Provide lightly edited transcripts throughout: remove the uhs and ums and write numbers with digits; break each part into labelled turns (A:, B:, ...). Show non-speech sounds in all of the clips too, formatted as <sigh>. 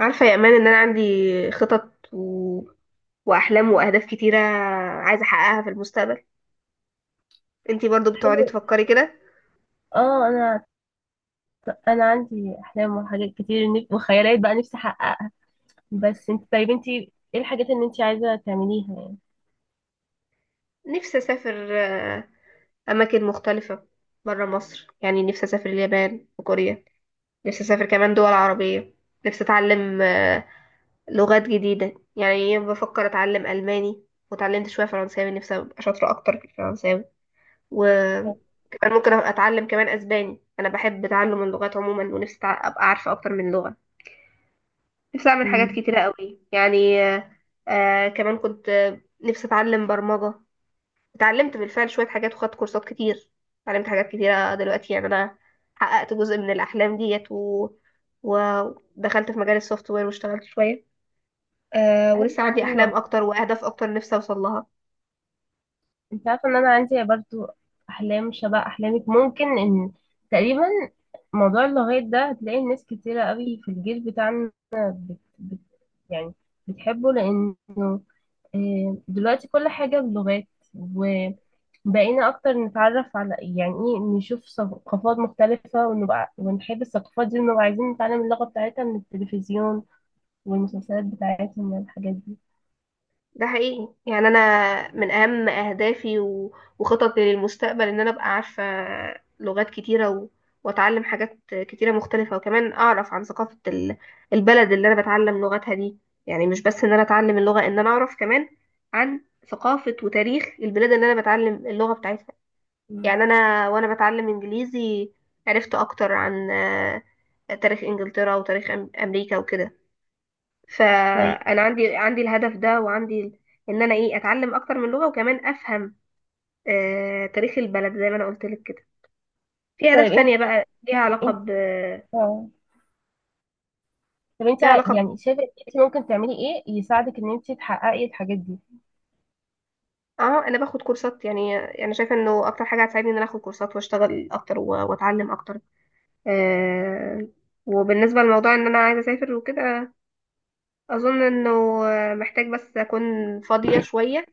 A: عارفة يا امان ان انا عندي خطط واحلام واهداف كتيرة عايزة احققها في المستقبل. انتي برضو بتقعدي
B: حلو.
A: تفكري كده؟
B: اه انا انا عندي احلام وحاجات كتير وخيالات بقى نفسي احققها. بس انت طيب، انت ايه الحاجات اللي انت عايزه تعمليها يعني؟
A: نفسي اسافر اماكن مختلفة برا مصر. يعني نفسي اسافر اليابان وكوريا، نفسي اسافر كمان دول عربية. نفسي اتعلم لغات جديدة، يعني بفكر اتعلم الماني، وتعلمت شوية فرنساوي نفسي ابقى شاطرة اكتر في الفرنساوي، وكمان ممكن اتعلم كمان اسباني. انا بحب تعلم اللغات عموما ونفسي ابقى عارفة اكتر من لغة. نفسي اعمل حاجات
B: أمم،
A: كتيرة قوي يعني كمان كنت نفسي اتعلم برمجة. اتعلمت بالفعل شوية حاجات وخدت كورسات كتير، اتعلمت حاجات كتيرة دلوقتي. يعني انا حققت جزء من الاحلام ديت ودخلت في مجال السوفت وير واشتغلت شوية.
B: حلو.
A: ولسه عندي
B: ايوه،
A: احلام اكتر واهداف اكتر نفسي اوصل لها.
B: انت عارفه ان انا عندي برضو احلام شبه احلامك، ممكن ان تقريبا. موضوع اللغات ده هتلاقي ناس كتيره قوي في الجيل بتاعنا يعني بتحبه لانه دلوقتي كل حاجه بلغات. بقينا اكتر نتعرف على يعني ايه، نشوف ثقافات مختلفة ونبقى ونحب الثقافات دي ونبقى عايزين نتعلم اللغة بتاعتها من التلفزيون والمسلسلات بتاعتهم والحاجات دي.
A: ده حقيقي، يعني انا من اهم اهدافي وخططي للمستقبل ان انا ابقى عارفه لغات كتيره واتعلم حاجات كتيره مختلفه، وكمان اعرف عن ثقافه البلد اللي انا بتعلم لغتها دي. يعني مش بس ان انا اتعلم اللغه، ان انا اعرف كمان عن ثقافه وتاريخ البلاد اللي انا بتعلم اللغه بتاعتها.
B: مم.
A: يعني انا وانا بتعلم انجليزي عرفت اكتر عن تاريخ انجلترا وتاريخ امريكا وكده.
B: طيب،
A: فانا عندي الهدف ده وعندي ان انا ايه اتعلم اكتر من لغه، وكمان افهم تاريخ البلد زي ما انا قلت لك كده. في اهداف
B: طيب. انت
A: تانية بقى ليها علاقه
B: انت
A: ب
B: اه طب انت
A: ليها
B: ع-
A: علاقه ب...
B: يعني شايفة انت ممكن تعملي ايه يساعدك ان انت تحققي الحاجات دي؟
A: اه انا باخد كورسات. يعني انا شايفه انه اكتر حاجه هتساعدني ان انا اخد كورسات واشتغل اكتر واتعلم اكتر. آه وبالنسبه لموضوع ان انا عايزه اسافر وكده، اظن انه محتاج بس اكون فاضيه شويه،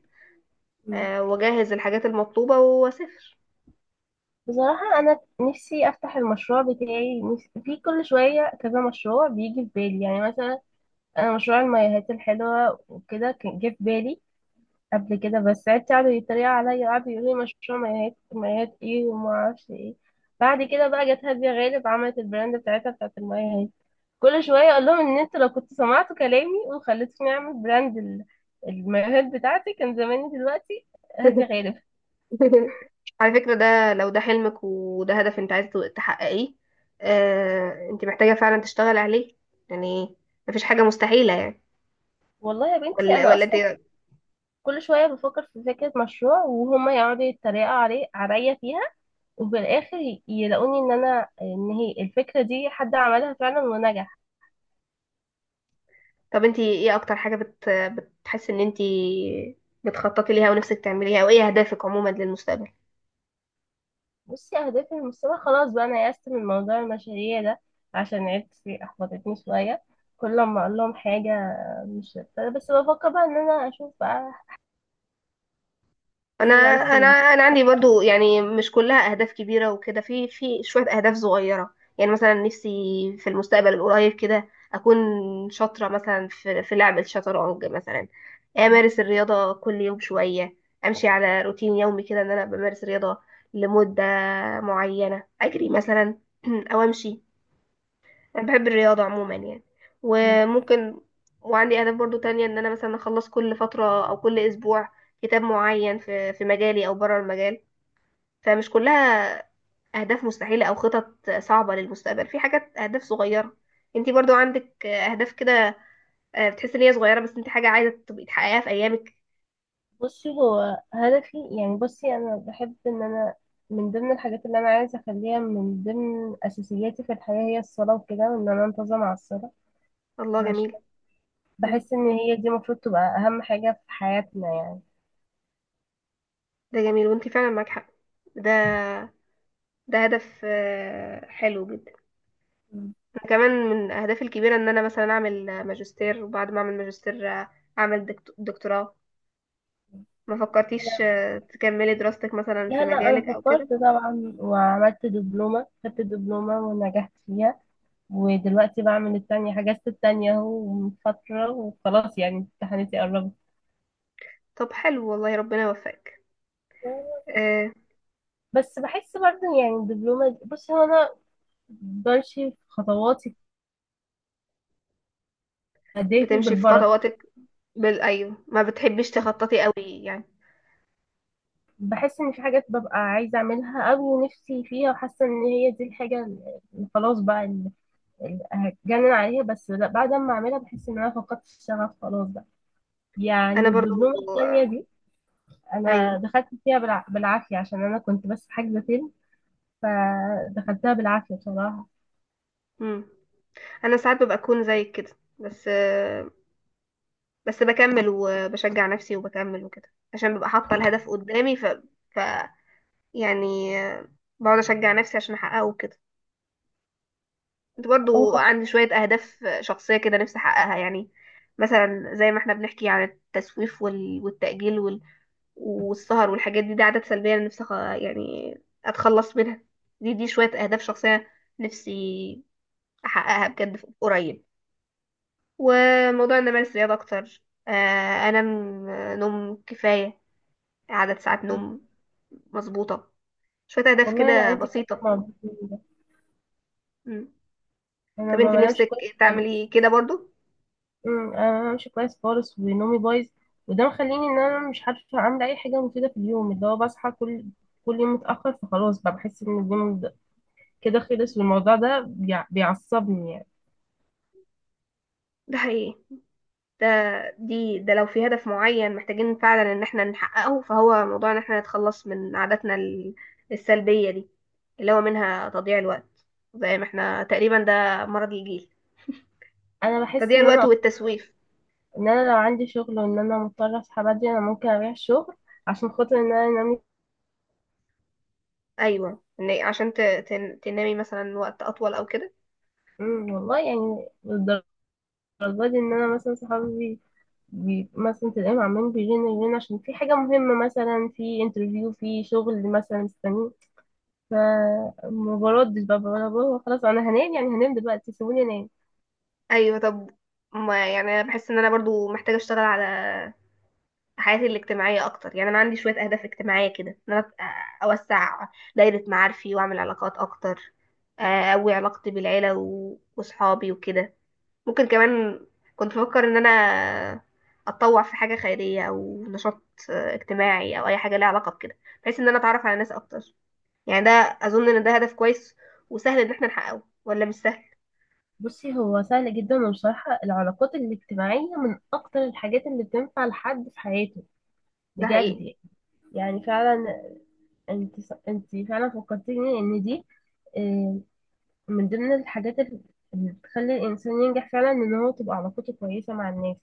B: مم.
A: واجهز الحاجات المطلوبه واسافر.
B: بصراحة، أنا نفسي أفتح المشروع بتاعي. نفسي في كل شوية كذا مشروع بيجي في بالي، يعني مثلا أنا مشروع المايوهات الحلوة وكده كان جه في بالي قبل كده. بس عيلتي قعدوا يتريقوا عليا، قعدوا يقولوا لي مشروع مايهات مايهات ايه وما اعرفش ايه. بعد كده بقى جت هادية غالب عملت البراند بتاعتها بتاعت المايهات. كل شوية اقول لهم ان انتوا لو كنتوا سمعتوا كلامي وخليتوني اعمل براند المايوهات بتاعتي كان زماني دلوقتي هادية غالب.
A: <laughs> <laughs> على فكرة، ده لو ده حلمك وده هدف انت عايزة تحققيه، انت محتاجة فعلا تشتغل عليه. يعني مفيش حاجة مستحيلة يعني.
B: والله يا بنتي،
A: ولا
B: انا
A: ولا
B: اصلا
A: انت؟
B: كل شوية بفكر في فكرة مشروع وهما يقعدوا يتريقوا عليا فيها. وفي الاخر يلاقوني ان هي الفكرة دي حد عملها فعلا ونجح.
A: طب انت ايه اكتر حاجة بتحس ان انت بتخططي ليها ونفسك تعمليها، او ايه اهدافك عموما للمستقبل؟
B: بصي، أهدافي المستقبل خلاص بقى أنا يأست من موضوع المشاريع ده، عشان عيلتي أحبطتني شوية. كل ما أقول لهم حاجة مش بس بفكر بقى إن أنا أشوف بقى
A: انا
B: فريلانس
A: انا انا عندي برضو، يعني مش كلها اهداف كبيره وكده، في شويه اهداف صغيره. يعني مثلا نفسي في المستقبل القريب كده اكون شاطره مثلا في لعب الشطرنج مثلا، امارس الرياضه كل يوم شويه، امشي على روتين يومي كده ان انا بمارس رياضه لمده معينه، اجري مثلا <clears throat> او امشي. انا بحب الرياضة عموما يعني. وممكن، وعندي اهداف برضو تانية ان انا مثلا اخلص كل فترة او كل اسبوع كتاب معين في مجالي او بره المجال. فمش كلها اهداف مستحيلة او خطط صعبة للمستقبل، في حاجات اهداف صغيرة. انتي برضو عندك اهداف كده، بتحسي ان هي صغيرة بس انت حاجة عايزة تبقي تحققيها في ايامك؟
B: بصي، هو هدفي يعني. بصي، أنا بحب إن أنا من ضمن الحاجات اللي أنا عايزة أخليها من ضمن أساسياتي في الحياة هي الصلاة وكده، وإن أنا أنتظم على الصلاة،
A: الله
B: عشان
A: جميل. مم.
B: بحس إن هي دي المفروض تبقى أهم حاجة في حياتنا
A: ده جميل وانتي فعلا معاك حق. ده ده هدف حلو جدا.
B: يعني.
A: كمان من اهدافي الكبيره ان انا مثلا اعمل ماجستير، وبعد ما اعمل ماجستير اعمل دكتوراه. ما فكرتيش تكملي دراستك مثلا في
B: لا، لا، انا
A: مجالك او كده؟
B: فكرت طبعا وعملت دبلومه، خدت دبلومه ونجحت فيها. ودلوقتي بعمل التانية، حجزت التانية اهو من فتره، وخلاص يعني امتحاناتي قربت.
A: طب حلو والله، ربنا يوفقك. آه،
B: بس بحس برضه يعني الدبلومه بصي، هو انا بمشي في خطواتي، اهدافي
A: بتمشي في
B: بالبركه.
A: خطواتك، بال ايوه ما بتحبيش تخططي قوي يعني.
B: بحس ان في حاجات ببقى عايزه اعملها قوي نفسي فيها، وحاسه ان هي دي الحاجه اللي خلاص بقى، اللي هتجنن عليها. بس لا، بعد ما اعملها بحس ان انا فقدت الشغف خلاص بقى. يعني
A: انا برضو.
B: الدبلومه الثانيه دي انا
A: ايوه.
B: دخلت فيها بالعافيه عشان انا كنت بس حاجزه فيلم، فدخلتها بالعافيه بصراحه.
A: مم. انا ساعات ببقى اكون زيك كده، بس بس بكمل وبشجع نفسي وبكمل وكده عشان ببقى حاطه الهدف قدامي، ف... يعني بقعد اشجع نفسي عشان احققه كده. كنت
B: او
A: برضو
B: خلاص.
A: عندي شوية أهداف شخصية كده نفسي أحققها. يعني مثلا زي ما احنا بنحكي عن التسويف والتأجيل والسهر والحاجات دي، دي عادات سلبية أنا نفسي يعني أتخلص منها. دي شوية أهداف شخصية نفسي أحققها بجد قريب، وموضوع إن أمارس رياضة أكتر، آه، أنام نوم كفاية، عدد ساعات نوم مظبوطة. شوية أهداف
B: والله انا
A: كده
B: عندي كتر
A: بسيطة.
B: موضوع ده،
A: مم.
B: انا
A: طب
B: ما
A: انت
B: بنامش
A: نفسك
B: كويس خالص.
A: تعملي كده برضو؟
B: انا ما بنامش كويس خالص ونومي بايظ، وده مخليني ان انا مش عارفه اعمل اي حاجه مفيده في اليوم. اللي هو بصحى كل يوم متاخر، فخلاص بقى بحس ان اليوم كده خلص، والموضوع ده بيعصبني يعني.
A: ده حقيقي. ده ده لو في هدف معين محتاجين فعلا ان احنا نحققه، فهو موضوع ان احنا نتخلص من عاداتنا السلبية دي، اللي هو منها تضييع الوقت. زي ما احنا تقريبا ده مرض الجيل،
B: انا بحس
A: تضييع
B: ان
A: الوقت
B: انا
A: والتسويف.
B: ان انا لو عندي شغل وان انا مضطره اصحى بدري، انا ممكن اريح الشغل عشان خاطر ان انا انام.
A: ايوه إن عشان تنامي مثلا وقت اطول او كده.
B: والله يعني للدرجة دي ان انا مثلا صحابي بي مثلا تلاقيهم عمالين يجينا عشان في حاجة مهمة مثلا في انترفيو في شغل مثلا مستنيه. فما بردش بقى، بقول بابا خلاص انا هنام، يعني هنام دلوقتي، سيبوني انام.
A: ايوه، طب ما يعني انا بحس ان انا برضو محتاجة اشتغل على حياتي الاجتماعية أكتر. يعني أنا عندي شوية أهداف اجتماعية كده، إن أنا أوسع دايرة معارفي وأعمل علاقات أكتر، أقوي علاقتي بالعيلة وصحابي وكده. ممكن كمان كنت بفكر إن أنا أتطوع في حاجة خيرية أو نشاط اجتماعي، أو أي حاجة ليها علاقة بكده، بحيث إن أنا أتعرف على ناس أكتر. يعني ده، أظن إن ده هدف كويس. وسهل إن احنا نحققه ولا مش سهل؟
B: بصي، هو سهل جدا، وبصراحة العلاقات الاجتماعية من اكتر الحاجات اللي بتنفع لحد في حياته،
A: ده
B: بجد
A: حقيقي.
B: يعني فعلا. انت انت فعلا فكرتيني ان دي آه، من ضمن الحاجات اللي بتخلي الإنسان ينجح فعلا، إن هو تبقى علاقته كويسة مع الناس،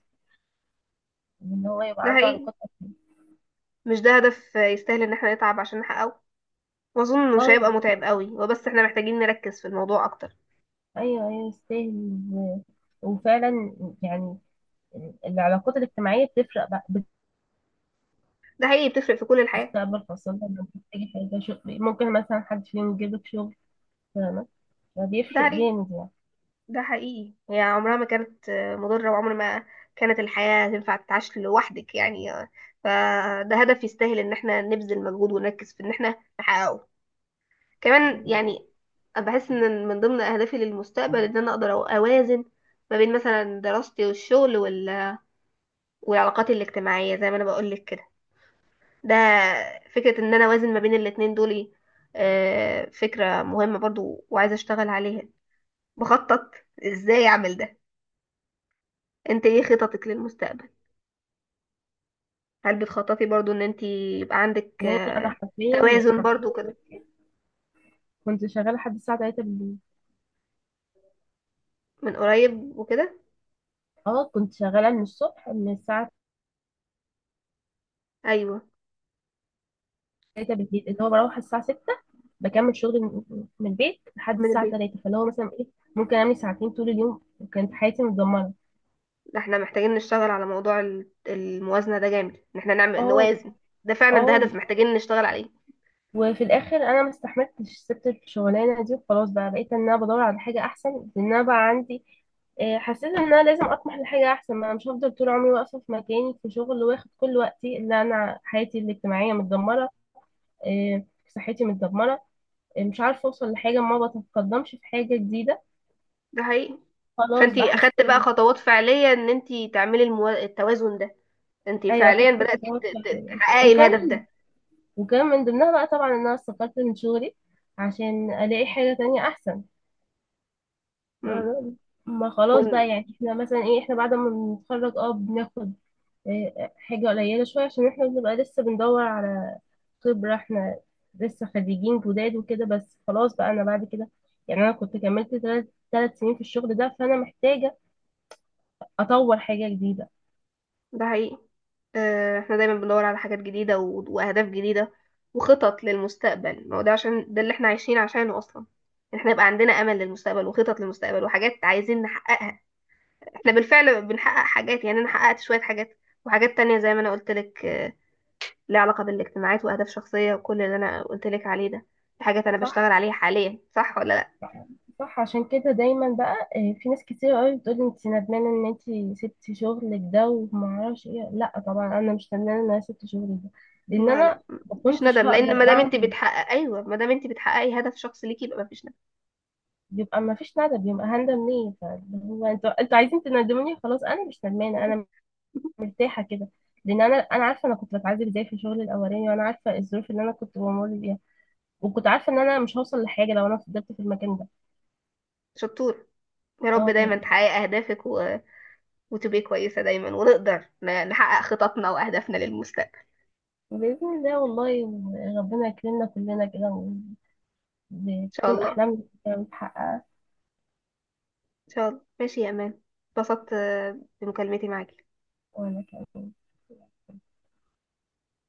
B: إن هو يبقى
A: ده
B: عنده
A: حقيقي،
B: علاقات.
A: مش ده هدف يستاهل إن احنا نتعب عشان نحققه؟ ما اظن مش
B: اه،
A: هيبقى متعب قوي هو، بس احنا محتاجين نركز في الموضوع اكتر.
B: أيوه، أيوه، يستاهل وفعلا يعني العلاقات الاجتماعية بتفرق بقى
A: ده حقيقي، بتفرق في كل الحياة.
B: بالمستقبل، خاصة لما بتحتاجي حاجة شغل ممكن مثلا حد فيهم يجيبلك شغل، فاهمة؟
A: ده
B: فبيفرق
A: حقيقي،
B: جامد يعني.
A: ده حقيقي. هي عمرها ما كانت مضرة، وعمر ما كانت الحياة تنفع تتعاش لوحدك يعني، فده هدف يستاهل ان احنا نبذل مجهود ونركز في ان احنا نحققه. كمان يعني أنا بحس ان من ضمن اهدافي للمستقبل ان انا اقدر اوازن ما بين مثلا دراستي والشغل والعلاقات الاجتماعية زي ما انا بقول لك كده. ده فكرة ان انا اوازن ما بين الاتنين دول إيه؟ فكرة مهمة برضو وعايزة اشتغل عليها. بخطط ازاي اعمل ده. انت ايه خططك للمستقبل؟ هل بتخططي برضو ان انت يبقى عندك
B: لأن أنا حرفيا
A: توازن
B: حرفيا
A: برضو كده
B: دلوقتي كنت شغالة لحد الساعة 3 بالليل.
A: من قريب وكده؟
B: اه كنت شغالة من الصبح، من الساعة
A: ايوه
B: 3 بالليل اللي هو بروح الساعة 6، بكمل شغلي من البيت لحد
A: من
B: الساعة
A: البيت.
B: 3، فاللي هو مثلا ايه ممكن أعمل ساعتين طول اليوم، وكانت حياتي متدمرة.
A: ده احنا محتاجين نشتغل على موضوع الموازنة ده جامد، ان احنا نعمل
B: اه،
A: نوازن. ده فعلا ده
B: اه،
A: هدف محتاجين نشتغل عليه.
B: وفي الآخر أنا ما استحملتش، سبت الشغلانة دي، وخلاص بقى بقيت إن أنا بدور على حاجة أحسن. لأن أنا بقى عندي، حسيت إن أنا لازم أطمح لحاجة أحسن، ما أنا مش هفضل طول عمري واقفة في مكاني في شغل واخد كل وقتي، اللي أنا حياتي الاجتماعية متدمرة، صحتي متدمرة، مش عارفة أوصل لحاجة، ما بتقدمش في حاجة جديدة.
A: ده حقيقي.
B: خلاص
A: فانت
B: بقى
A: اخدت بقى
B: حسيت.
A: خطوات فعلية ان انت تعملي التوازن ده. انت
B: ايوه
A: فعليا
B: خدت
A: بدأتي
B: خطوات فعلا،
A: تحققي الهدف
B: وكان
A: ده.
B: وكان من ضمنها بقى طبعا ان انا استقلت من شغلي عشان الاقي حاجه تانية احسن.
A: امم،
B: أنا- ما خلاص
A: ون-
B: بقى، يعني احنا مثلا ايه، احنا بعد ما بنتخرج بناخد إيه، حاجه قليله شويه عشان احنا بنبقى لسه بندور على خبره، احنا لسه خريجين جداد وكده، بس خلاص بقى انا بعد كده يعني انا كنت كملت ثلاث سنين في الشغل ده، فانا محتاجه اطور حاجه جديده.
A: ده حقيقي. احنا دايما بندور على حاجات جديدة وأهداف جديدة وخطط للمستقبل. ما هو ده عشان ده اللي احنا عايشين عشانه أصلا، إن احنا يبقى عندنا أمل للمستقبل وخطط للمستقبل وحاجات عايزين نحققها. احنا بالفعل بنحقق حاجات، يعني أنا حققت شوية حاجات، وحاجات تانية زي ما أنا قلت لك ليها علاقة بالاجتماعات وأهداف شخصية وكل اللي أنا قلت لك عليه ده. دي حاجات أنا
B: صح.
A: بشتغل عليها حاليا، صح ولا؟
B: صح عشان كده دايما بقى في ناس كتير قوي بتقول انت ندمانه ان انت سبتي شغلك ده وما اعرفش ايه. لا طبعا انا مش ندمانه ان انا سبت شغلي ده، لان
A: لا لا،
B: انا ما
A: مفيش
B: كنتش
A: ندم
B: هقدر
A: لان ما دام انت
B: اعمل.
A: بتحقق، ايوه ما دام انت بتحققي هدف شخص ليكي يبقى مفيش ندم.
B: بيبقى ما فيش ندم. بيبقى هندم ليه؟ فاللي هو انتوا عايزين تندموني خلاص. انا مش ندمانه، انا مرتاحه كده. لان انا عارفه انا كنت بتعذب ازاي في شغلي الاولاني، وانا عارفه الظروف اللي انا كنت بمر بيها، وكنت عارفه ان انا مش هوصل لحاجه لو انا فضلت في المكان ده.
A: <laughs> شطور. يا رب
B: اه،
A: دايما تحققي اهدافك وتبقي كويسه دايما، ونقدر نحقق خططنا واهدافنا للمستقبل.
B: باذن الله. والله ربنا يكرمنا كلنا كده،
A: ان شاء
B: بتكون
A: الله، ان
B: أحلامي كده متحققة.
A: شاء الله. ماشي يا امان، اتبسطت بمكالمتي معاكي.
B: وأنا كمان.